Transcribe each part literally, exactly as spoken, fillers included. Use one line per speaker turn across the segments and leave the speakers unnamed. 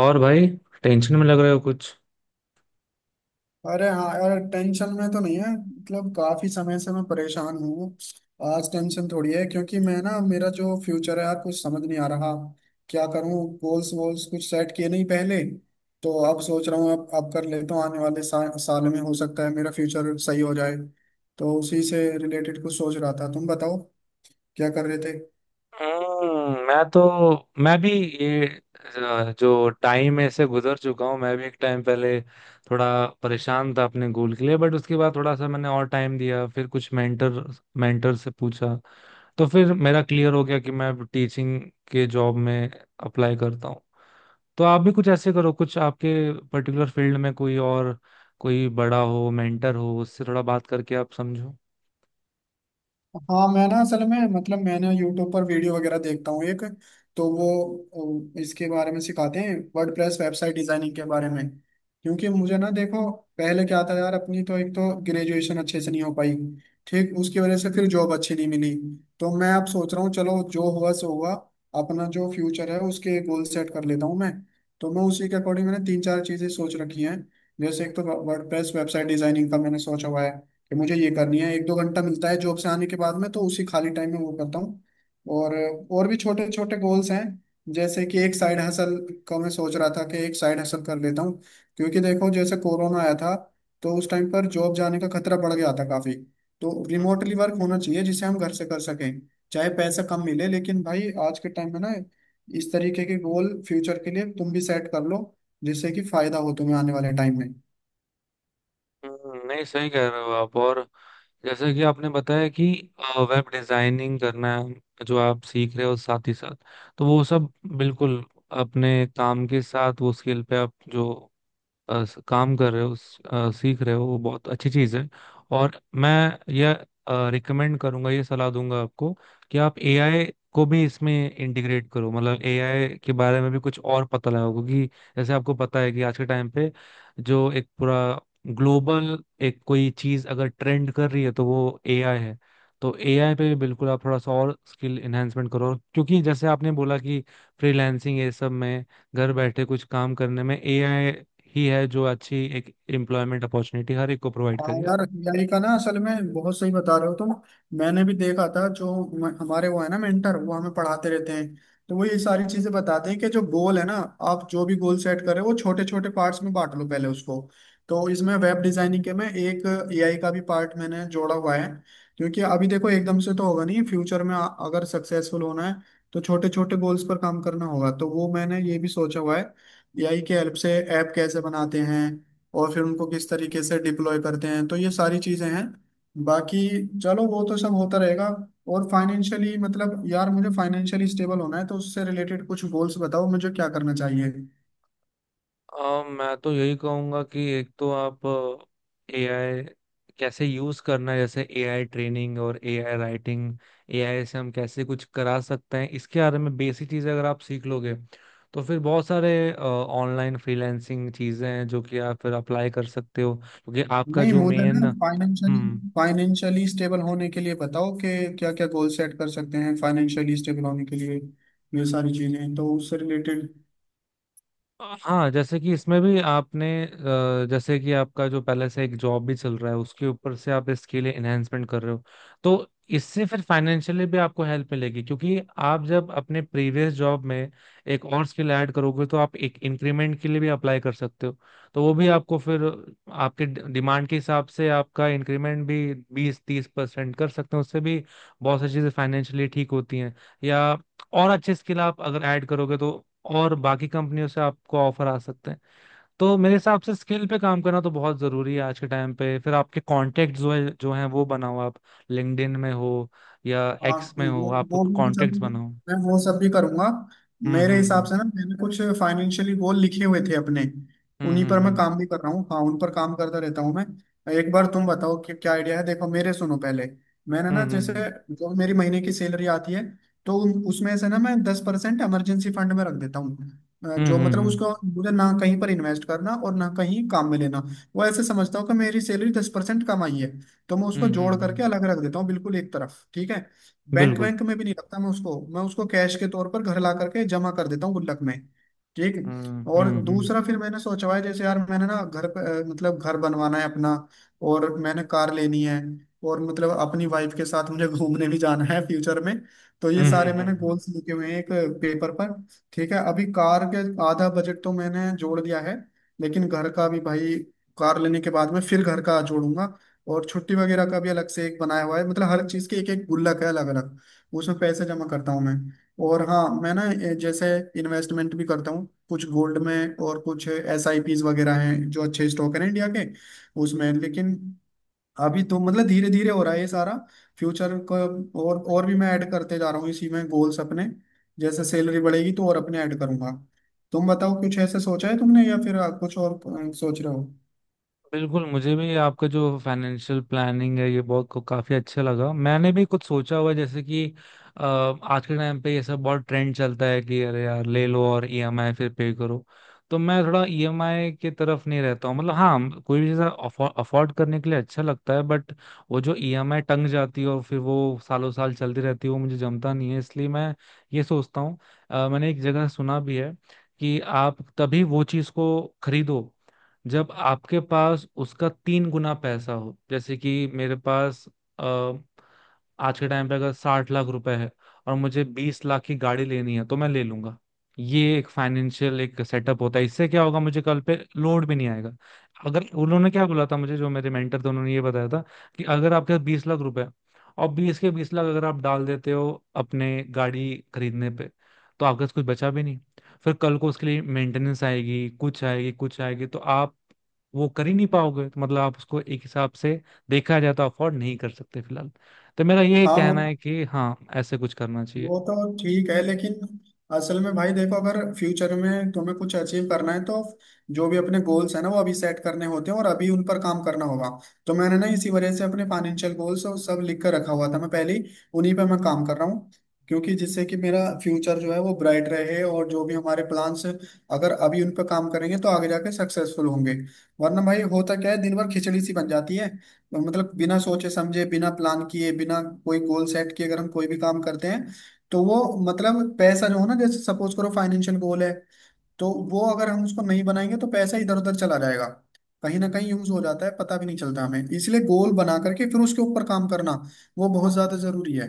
और भाई टेंशन में लग रहे हो कुछ।
अरे हाँ यार टेंशन में तो नहीं है। मतलब काफी समय से मैं परेशान हूँ। आज टेंशन थोड़ी है क्योंकि मैं ना मेरा जो फ्यूचर है यार कुछ समझ नहीं आ रहा। क्या करूँ, गोल्स वोल्स कुछ सेट किए नहीं पहले। तो अब सोच रहा हूँ, अब अब कर लेता हूँ। आने वाले सा, साल में हो सकता है मेरा फ्यूचर सही हो जाए। तो उसी से रिलेटेड कुछ सोच रहा था। तुम बताओ क्या कर रहे थे।
हम्म मैं तो मैं भी ये अ, जो टाइम ऐसे गुजर चुका हूँ। मैं भी एक टाइम पहले थोड़ा परेशान था अपने गोल के लिए, बट उसके बाद थोड़ा सा मैंने और टाइम दिया, फिर कुछ मेंटर मेंटर से पूछा, तो फिर मेरा क्लियर हो गया कि मैं टीचिंग के जॉब में अप्लाई करता हूँ। तो आप भी कुछ ऐसे करो, कुछ आपके पर्टिकुलर फील्ड में कोई और कोई बड़ा हो, मेंटर हो, उससे थोड़ा बात करके आप समझो।
हाँ, मैं ना असल में मतलब मैंने यूट्यूब पर वीडियो वगैरह देखता हूँ एक, तो वो अ, इसके बारे में सिखाते हैं, वर्डप्रेस वेबसाइट डिजाइनिंग के बारे में। क्योंकि मुझे ना देखो, पहले क्या था यार, अपनी तो एक तो ग्रेजुएशन अच्छे से नहीं हो पाई। ठीक, उसकी वजह से फिर जॉब अच्छी नहीं मिली। तो मैं अब सोच रहा हूँ चलो जो हुआ सो हुआ। अपना जो फ्यूचर है उसके गोल सेट कर लेता हूँ मैं। तो मैं उसी के अकॉर्डिंग मैंने तीन चार चीजें सोच रखी हैं। जैसे एक तो वर्डप्रेस वेबसाइट डिजाइनिंग का मैंने सोचा हुआ है कि मुझे ये करनी है। एक दो घंटा मिलता है जॉब से आने के बाद में, तो उसी खाली टाइम में वो करता हूँ। और और भी छोटे छोटे गोल्स हैं। जैसे कि एक साइड हसल का मैं सोच रहा था कि एक साइड हसल कर लेता हूँ। क्योंकि देखो जैसे कोरोना आया था, तो उस टाइम पर जॉब जाने का खतरा बढ़ गया था काफी। तो रिमोटली वर्क होना चाहिए जिसे हम घर से कर सकें। चाहे पैसा कम मिले, लेकिन भाई आज के टाइम में ना, इस तरीके के गोल फ्यूचर के लिए तुम भी सेट कर लो, जिससे कि फायदा हो तुम्हें आने वाले टाइम में।
हम्म, नहीं, सही कह रहे हो आप। और जैसे कि आपने बताया कि वेब डिजाइनिंग करना जो आप सीख रहे हो साथ ही साथ, तो वो सब बिल्कुल अपने काम के साथ वो स्किल पे आप जो अ, स- काम कर रहे हो स- अ, सीख रहे हो, वो बहुत अच्छी चीज़ है। और मैं यह रिकमेंड करूंगा, ये सलाह दूंगा आपको कि आप एआई को भी इसमें इंटीग्रेट करो, मतलब एआई के बारे में भी कुछ और पता लगाओ, क्योंकि जैसे आपको पता है कि आज के टाइम पे जो एक पूरा ग्लोबल एक कोई चीज़ अगर ट्रेंड कर रही है तो वो एआई है। तो एआई पे भी बिल्कुल आप थोड़ा सा और स्किल एनहेंसमेंट करो, क्योंकि जैसे आपने बोला कि फ्रीलांसिंग ये सब में, घर बैठे कुछ काम करने में एआई ही है जो अच्छी एक एम्प्लॉयमेंट अपॉर्चुनिटी हर एक को प्रोवाइड
हाँ
करेगा।
यार, हमारी का ना असल में बहुत सही बता रहे हो तुम। मैंने भी देखा था, जो म- हमारे वो है ना मेंटर, वो हमें पढ़ाते रहते हैं। तो वो ये सारी चीजें बताते हैं कि जो गोल है ना, आप जो भी गोल सेट करें वो छोटे छोटे पार्ट्स में बांट लो पहले उसको। तो इसमें वेब डिजाइनिंग के में एक एआई का भी पार्ट मैंने जोड़ा हुआ है। क्योंकि अभी देखो एकदम से तो होगा नहीं, फ्यूचर में आ- अगर सक्सेसफुल होना है तो छोटे छोटे गोल्स पर काम करना होगा। तो वो मैंने ये भी सोचा हुआ है एआई के हेल्प से ऐप कैसे बनाते हैं और फिर उनको किस तरीके से डिप्लॉय करते हैं। तो ये सारी चीजें हैं। बाकी चलो वो तो सब होता रहेगा। और फाइनेंशियली, मतलब यार मुझे फाइनेंशियली स्टेबल होना है, तो उससे रिलेटेड कुछ गोल्स बताओ मुझे, क्या करना चाहिए।
अ, मैं तो यही कहूंगा कि एक तो आप एआई कैसे यूज करना है, जैसे एआई ट्रेनिंग और एआई राइटिंग, एआई से हम कैसे कुछ करा सकते हैं, इसके बारे में बेसिक चीजें अगर आप सीख लोगे तो फिर बहुत सारे ऑनलाइन फ्रीलांसिंग चीजें हैं जो कि आप फिर अप्लाई कर सकते हो, क्योंकि आपका
नहीं
जो
मुझे
मेन।
ना फाइनेंशियली
हम्म।
फाइनेंशियली स्टेबल होने के लिए बताओ कि क्या क्या गोल सेट कर सकते हैं फाइनेंशियली स्टेबल होने के लिए, ये सारी चीजें तो उससे रिलेटेड।
हाँ, जैसे कि इसमें भी आपने, अ, जैसे कि आपका जो पहले से एक जॉब भी चल रहा है उसके ऊपर से आप इसके लिए एनहेंसमेंट कर रहे हो, तो इससे फिर फाइनेंशियली भी आपको हेल्प मिलेगी, क्योंकि आप जब अपने प्रीवियस जॉब में एक और स्किल ऐड करोगे तो आप एक इंक्रीमेंट के लिए भी अप्लाई कर सकते हो। तो वो भी आपको फिर आपके डिमांड के हिसाब से आपका इंक्रीमेंट भी बीस तीस परसेंट कर सकते हो, उससे भी बहुत सारी चीज़ें फाइनेंशियली ठीक होती हैं, या और अच्छे स्किल आप अगर ऐड करोगे तो और बाकी कंपनियों से आपको ऑफर आ सकते हैं। तो मेरे हिसाब से स्किल पे काम करना तो बहुत जरूरी है आज के टाइम पे। फिर आपके कॉन्टेक्ट जो है जो हैं वो बनाओ आप, लिंक्डइन में हो या
हाँ,
एक्स में हो,
वो
आप
वो भी सब,
कॉन्टेक्ट बनाओ।
मैं वो सब भी करूंगा।
हम्म,
मेरे हिसाब
हम्म,
से ना मैंने कुछ फाइनेंशियली गोल लिखे हुए थे अपने,
हम्म,
उन्हीं पर मैं
हम्म,
काम भी कर रहा हूँ। हाँ, उन पर काम करता रहता हूँ मैं। एक बार तुम बताओ कि क्या आइडिया है, देखो मेरे, सुनो पहले। मैंने ना
हम्म,
जैसे
हम्म,
जो मेरी महीने की सैलरी आती है, तो उन- उसमें से ना मैं दस परसेंट इमरजेंसी फंड में रख देता हूँ। अ,
हम्म,
जो
हम्म,
मतलब
हम्म,
उसको मुझे ना कहीं पर इन्वेस्ट करना और ना कहीं काम में लेना। वो ऐसे समझता हूँ कि मेरी सैलरी दस परसेंट कम आई है। तो मैं
हम्म,
उसको
हम्म, हम्म,
जोड़
हम्म, हम्म,
करके अलग रख देता हूँ, बिल्कुल एक तरफ। ठीक है। बैंक
बिल्कुल।
बैंक में भी नहीं रखता मैं उसको मैं उसको कैश के तौर पर घर ला करके जमा कर देता हूँ गुल्लक में। ठीक।
हम्म,
और
हम्म, हम्म,
दूसरा फिर मैंने सोचा हुआ है, जैसे यार मैंने ना घर पे, अ, मतलब घर बनवाना है अपना, और मैंने कार लेनी है, और मतलब अपनी वाइफ के साथ मुझे घूमने भी जाना है फ्यूचर में। तो ये
हम्म, हम्म,
सारे
हम्म,
मैंने
हम्म।
गोल्स लिखे हुए हैं एक पेपर पर। ठीक है। अभी कार के आधा बजट तो मैंने जोड़ दिया है, लेकिन घर का भी भाई कार लेने के बाद में फिर घर का जोड़ूंगा। और छुट्टी वगैरह का भी अलग से एक बनाया हुआ है। मतलब हर चीज़ के एक एक गुल्लक है अलग अलग, उसमें पैसे जमा करता हूँ मैं। और हाँ, मैं ना ए, जैसे इन्वेस्टमेंट भी करता हूँ, कुछ गोल्ड में और कुछ एस आई पीज वगैरह हैं जो अच्छे स्टॉक हैं इंडिया के, उसमें। लेकिन अभी तो मतलब धीरे धीरे हो रहा है ये सारा, फ्यूचर को। और और भी मैं ऐड करते जा रहा हूँ इसी में गोल्स अपने। जैसे सैलरी बढ़ेगी तो और अपने ऐड करूंगा। तुम बताओ कुछ ऐसे सोचा है तुमने, या फिर आ, कुछ और अ, सोच रहे हो।
बिल्कुल, मुझे भी आपका जो फाइनेंशियल प्लानिंग है ये बहुत को काफी अच्छा लगा। मैंने भी कुछ सोचा हुआ है, जैसे कि अ, आज के टाइम पे ये सब बहुत ट्रेंड चलता है कि अरे यार ले लो और ईएमआई फिर पे करो। तो मैं थोड़ा ईएमआई की तरफ नहीं रहता हूँ, मतलब हाँ कोई भी चीज़ अफोर्ड करने के लिए अच्छा लगता है, बट वो जो ईएमआई टंग जाती है और फिर वो सालों साल चलती रहती है वो मुझे जमता नहीं है, इसलिए मैं ये सोचता हूँ। अ, मैंने एक जगह सुना भी है कि आप तभी वो चीज़ को खरीदो जब आपके पास उसका तीन गुना पैसा हो। जैसे कि मेरे पास अ, आज के टाइम पे अगर साठ लाख रुपए है और मुझे बीस लाख की गाड़ी लेनी है, तो मैं ले लूंगा। ये एक फाइनेंशियल एक सेटअप होता है, इससे क्या होगा मुझे कल पे लोड भी नहीं आएगा। अगर उन्होंने क्या बोला था मुझे, जो मेरे मेंटर थे, उन्होंने ये बताया था कि अगर आपके पास बीस लाख रुपए हैं, और बीस के बीस लाख अगर आप डाल देते हो अपने गाड़ी खरीदने पे, तो आपके पास कुछ बचा भी, फिर कल को उसके लिए मेंटेनेंस आएगी, कुछ आएगी कुछ आएगी, तो आप वो कर ही नहीं पाओगे। तो मतलब आप उसको एक हिसाब से देखा जाए तो अफोर्ड नहीं कर सकते फिलहाल। तो मेरा ये
हाँ, वो
कहना है कि हाँ ऐसे कुछ करना चाहिए।
वो तो ठीक है लेकिन असल में भाई देखो, अगर फ्यूचर में तुम्हें कुछ अचीव करना है, तो जो भी अपने गोल्स है ना वो अभी सेट करने होते हैं और अभी उन पर काम करना होगा। तो मैंने ना इसी वजह से अपने फाइनेंशियल गोल्स और सब लिख कर रखा हुआ था मैं पहले ही, उन्हीं पर मैं काम कर रहा हूँ। क्योंकि जिससे कि मेरा फ्यूचर जो है वो ब्राइट रहे, और जो भी हमारे प्लान्स अगर अभी उन पर काम करेंगे तो आगे जाके सक्सेसफुल होंगे। वरना भाई होता क्या है दिन भर खिचड़ी सी बन जाती है। मतलब बिना सोचे समझे, बिना प्लान किए, बिना कोई गोल सेट किए अगर हम कोई भी काम करते हैं तो वो, मतलब पैसा जो है ना, जैसे सपोज करो फाइनेंशियल गोल है, तो वो अगर हम उसको नहीं बनाएंगे तो पैसा इधर उधर चला जाएगा, कहीं ना कहीं यूज हो जाता है, पता भी नहीं चलता हमें। इसलिए गोल बना करके फिर उसके ऊपर काम करना वो बहुत ज्यादा जरूरी है।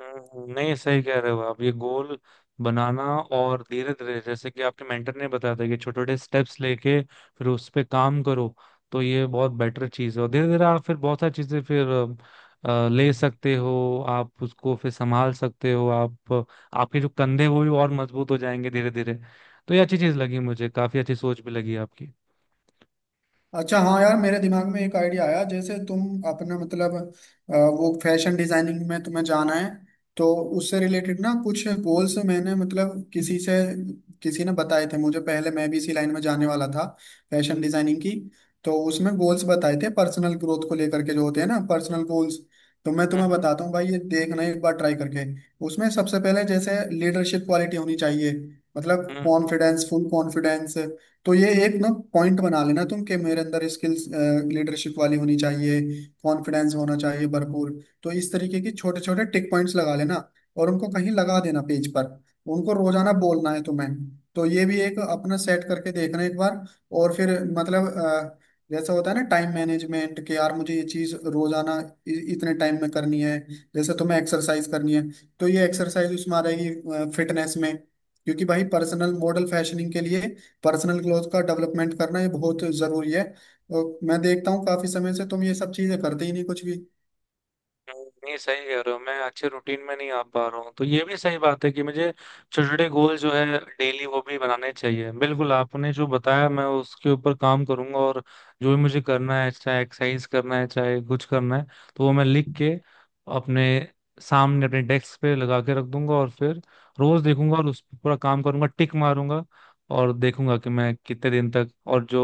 हम्म, नहीं, सही कह रहे हो आप, ये गोल बनाना और धीरे धीरे जैसे कि आपके मेंटर ने बताया था कि छोटे छोटे स्टेप्स लेके फिर उस पे काम करो, तो ये बहुत बेटर चीज़ है। और धीरे धीरे आप फिर बहुत सारी चीज़ें फिर अ, अ, ले सकते हो, आप उसको फिर संभाल सकते हो आप, आपके जो कंधे हैं, वो भी और मजबूत हो जाएंगे धीरे धीरे। तो ये अच्छी चीज़ लगी मुझे, काफ़ी अच्छी सोच भी लगी आपकी।
अच्छा हाँ यार, मेरे दिमाग में एक आइडिया आया। जैसे तुम अपना मतलब अ, वो फैशन डिजाइनिंग में तुम्हें जाना है, तो उससे रिलेटेड ना कुछ गोल्स मैंने मतलब किसी से किसी ने बताए थे मुझे पहले, मैं भी इसी लाइन में जाने वाला था, फैशन डिजाइनिंग की। तो उसमें गोल्स बताए थे पर्सनल ग्रोथ को लेकर के, जो होते हैं ना पर्सनल गोल्स, तो मैं
हम्म,
तुम्हें
हम्म,
बताता हूँ भाई, ये देखना एक बार ट्राई करके। उसमें सबसे पहले जैसे लीडरशिप क्वालिटी होनी चाहिए, मतलब
हम्म, हम्म, हम्म।
Confidence, full confidence. तो ये एक ना पॉइंट बना लेना तुम कि मेरे अंदर स्किल्स लीडरशिप वाली होनी चाहिए, कॉन्फिडेंस होना चाहिए भरपूर। तो इस तरीके की छोटे छोटे टिक पॉइंट्स लगा लेना और उनको कहीं लगा देना पेज पर, उनको रोजाना बोलना है तुम्हें। तो ये भी एक अपना सेट करके देखना एक बार। और फिर मतलब अ, जैसा होता है ना टाइम मैनेजमेंट, कि यार मुझे ये चीज रोजाना इ- इतने टाइम में करनी है। जैसे तुम्हें एक्सरसाइज करनी है, तो ये एक्सरसाइज उसमें आ रहेगी फिटनेस में। क्योंकि भाई पर्सनल मॉडल फैशनिंग के लिए पर्सनल ग्रोथ का डेवलपमेंट करना ये बहुत जरूरी है। और मैं देखता हूँ काफी समय से तुम ये सब चीजें करते ही नहीं कुछ भी।
नहीं, सही कह रहे हो, मैं अच्छे रूटीन में नहीं आ पा रहा हूँ। तो ये भी सही बात है कि मुझे छोटे छोटे गोल जो है, डेली, वो भी बनाने चाहिए। बिल्कुल, आपने जो बताया मैं उसके ऊपर काम करूंगा, और जो भी मुझे करना है, चाहे एक्सरसाइज करना है चाहे कुछ करना है, तो वो मैं लिख के अपने सामने अपने डेस्क पे लगा के रख दूंगा, और फिर रोज देखूंगा और उस पर पूरा काम करूंगा, टिक मारूंगा। और देखूंगा कि मैं कितने दिन तक, और जो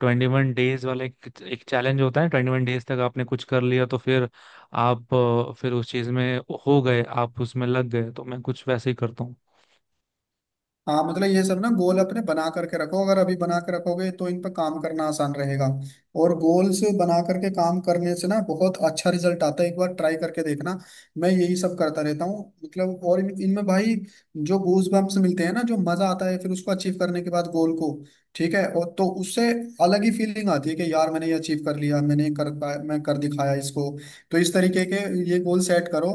ट्वेंटी वन डेज वाले एक एक चैलेंज होता है, ट्वेंटी वन डेज तक आपने कुछ कर लिया तो फिर आप अ, फिर उस चीज में हो गए, आप उसमें लग गए, तो मैं कुछ वैसे ही करता हूँ।
हाँ मतलब ये सब ना गोल अपने बना करके रखो, अगर अभी बना के रखोगे तो इन पर काम करना आसान रहेगा। और गोल्स बना करके काम करने से ना बहुत अच्छा रिजल्ट आता है, एक बार ट्राई करके देखना। मैं यही सब करता रहता हूँ मतलब। और इन- इनमें भाई जो गूज बम्प्स मिलते हैं ना, जो मजा आता है फिर उसको अचीव करने के बाद गोल को, ठीक है, और तो उससे अलग ही फीलिंग आती है कि यार मैंने ये अचीव कर लिया, मैंने कर पाया, मैं कर दिखाया इसको। तो इस तरीके के ये गोल सेट करो।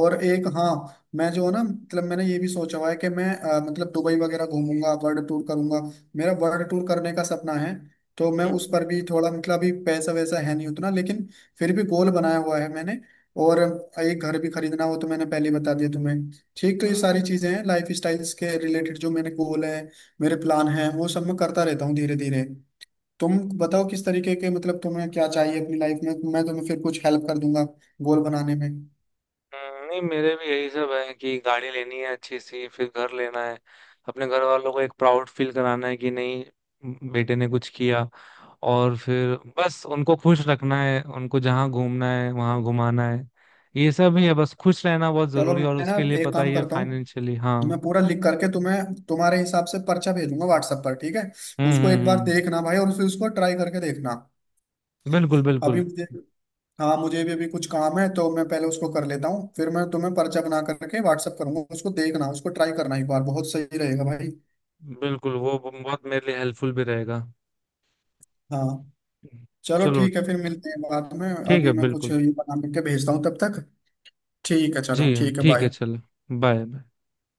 और एक हाँ, मैं जो है ना मतलब मैंने ये भी सोचा हुआ है कि मैं अ, मतलब दुबई वगैरह घूमूंगा, वर्ल्ड टूर करूंगा। मेरा वर्ल्ड टूर करने का सपना है। तो मैं
हम्म,
उस पर भी थोड़ा मतलब अभी पैसा वैसा है नहीं उतना, लेकिन फिर भी गोल बनाया हुआ है मैंने। और एक घर भी खरीदना हो, तो मैंने पहले ही बता दिया तुम्हें। ठीक, तो ये सारी चीजें हैं लाइफ स्टाइल्स के रिलेटेड, जो मेरे गोल है मेरे प्लान हैं वो सब मैं करता रहता हूँ धीरे धीरे। तुम बताओ किस तरीके के, मतलब तुम्हें क्या चाहिए अपनी लाइफ में, मैं तुम्हें फिर कुछ हेल्प कर दूंगा गोल बनाने में।
हम्म, नहीं, मेरे भी यही सब है कि गाड़ी लेनी है अच्छी सी, फिर घर लेना है, अपने घर वालों को एक प्राउड फील कराना है कि नहीं म, बेटे ने कुछ किया। और फिर बस उनको खुश रखना है, उनको जहाँ घूमना है वहाँ घुमाना है। ये सब ही है, बस खुश रहना बहुत
चलो
जरूरी है, और
मैं ना
उसके लिए
एक
पता
काम
ही है,
करता हूँ,
फाइनेंशियली
मैं
हाँ।
पूरा लिख करके तुम्हें तुम्हारे हिसाब से पर्चा भेजूंगा व्हाट्सएप पर, ठीक है।
हम्म,
उसको
हम्म,
एक बार
हम्म।
देखना भाई, और फिर उसको ट्राई करके देखना।
बिल्कुल,
अभी
बिल्कुल।
मुझे हाँ, मुझे भी अभी कुछ काम है, तो मैं पहले उसको कर लेता हूँ, फिर मैं तुम्हें पर्चा बना करके व्हाट्सएप करूंगा, उसको देखना, उसको ट्राई करना एक बार, बहुत सही रहेगा भाई।
बिल्कुल, वो बहुत मेरे लिए हेल्पफुल भी रहेगा।
हाँ, चलो
चलो,
ठीक है, फिर मिलते हैं बाद में।
ठीक
अभी
है,
मैं कुछ ये
बिल्कुल।
बना करके भेजता हूँ तब तक। ठीक है,
जी,
चलो ठीक है,
ठीक है,
बाय।
चलो, बाय।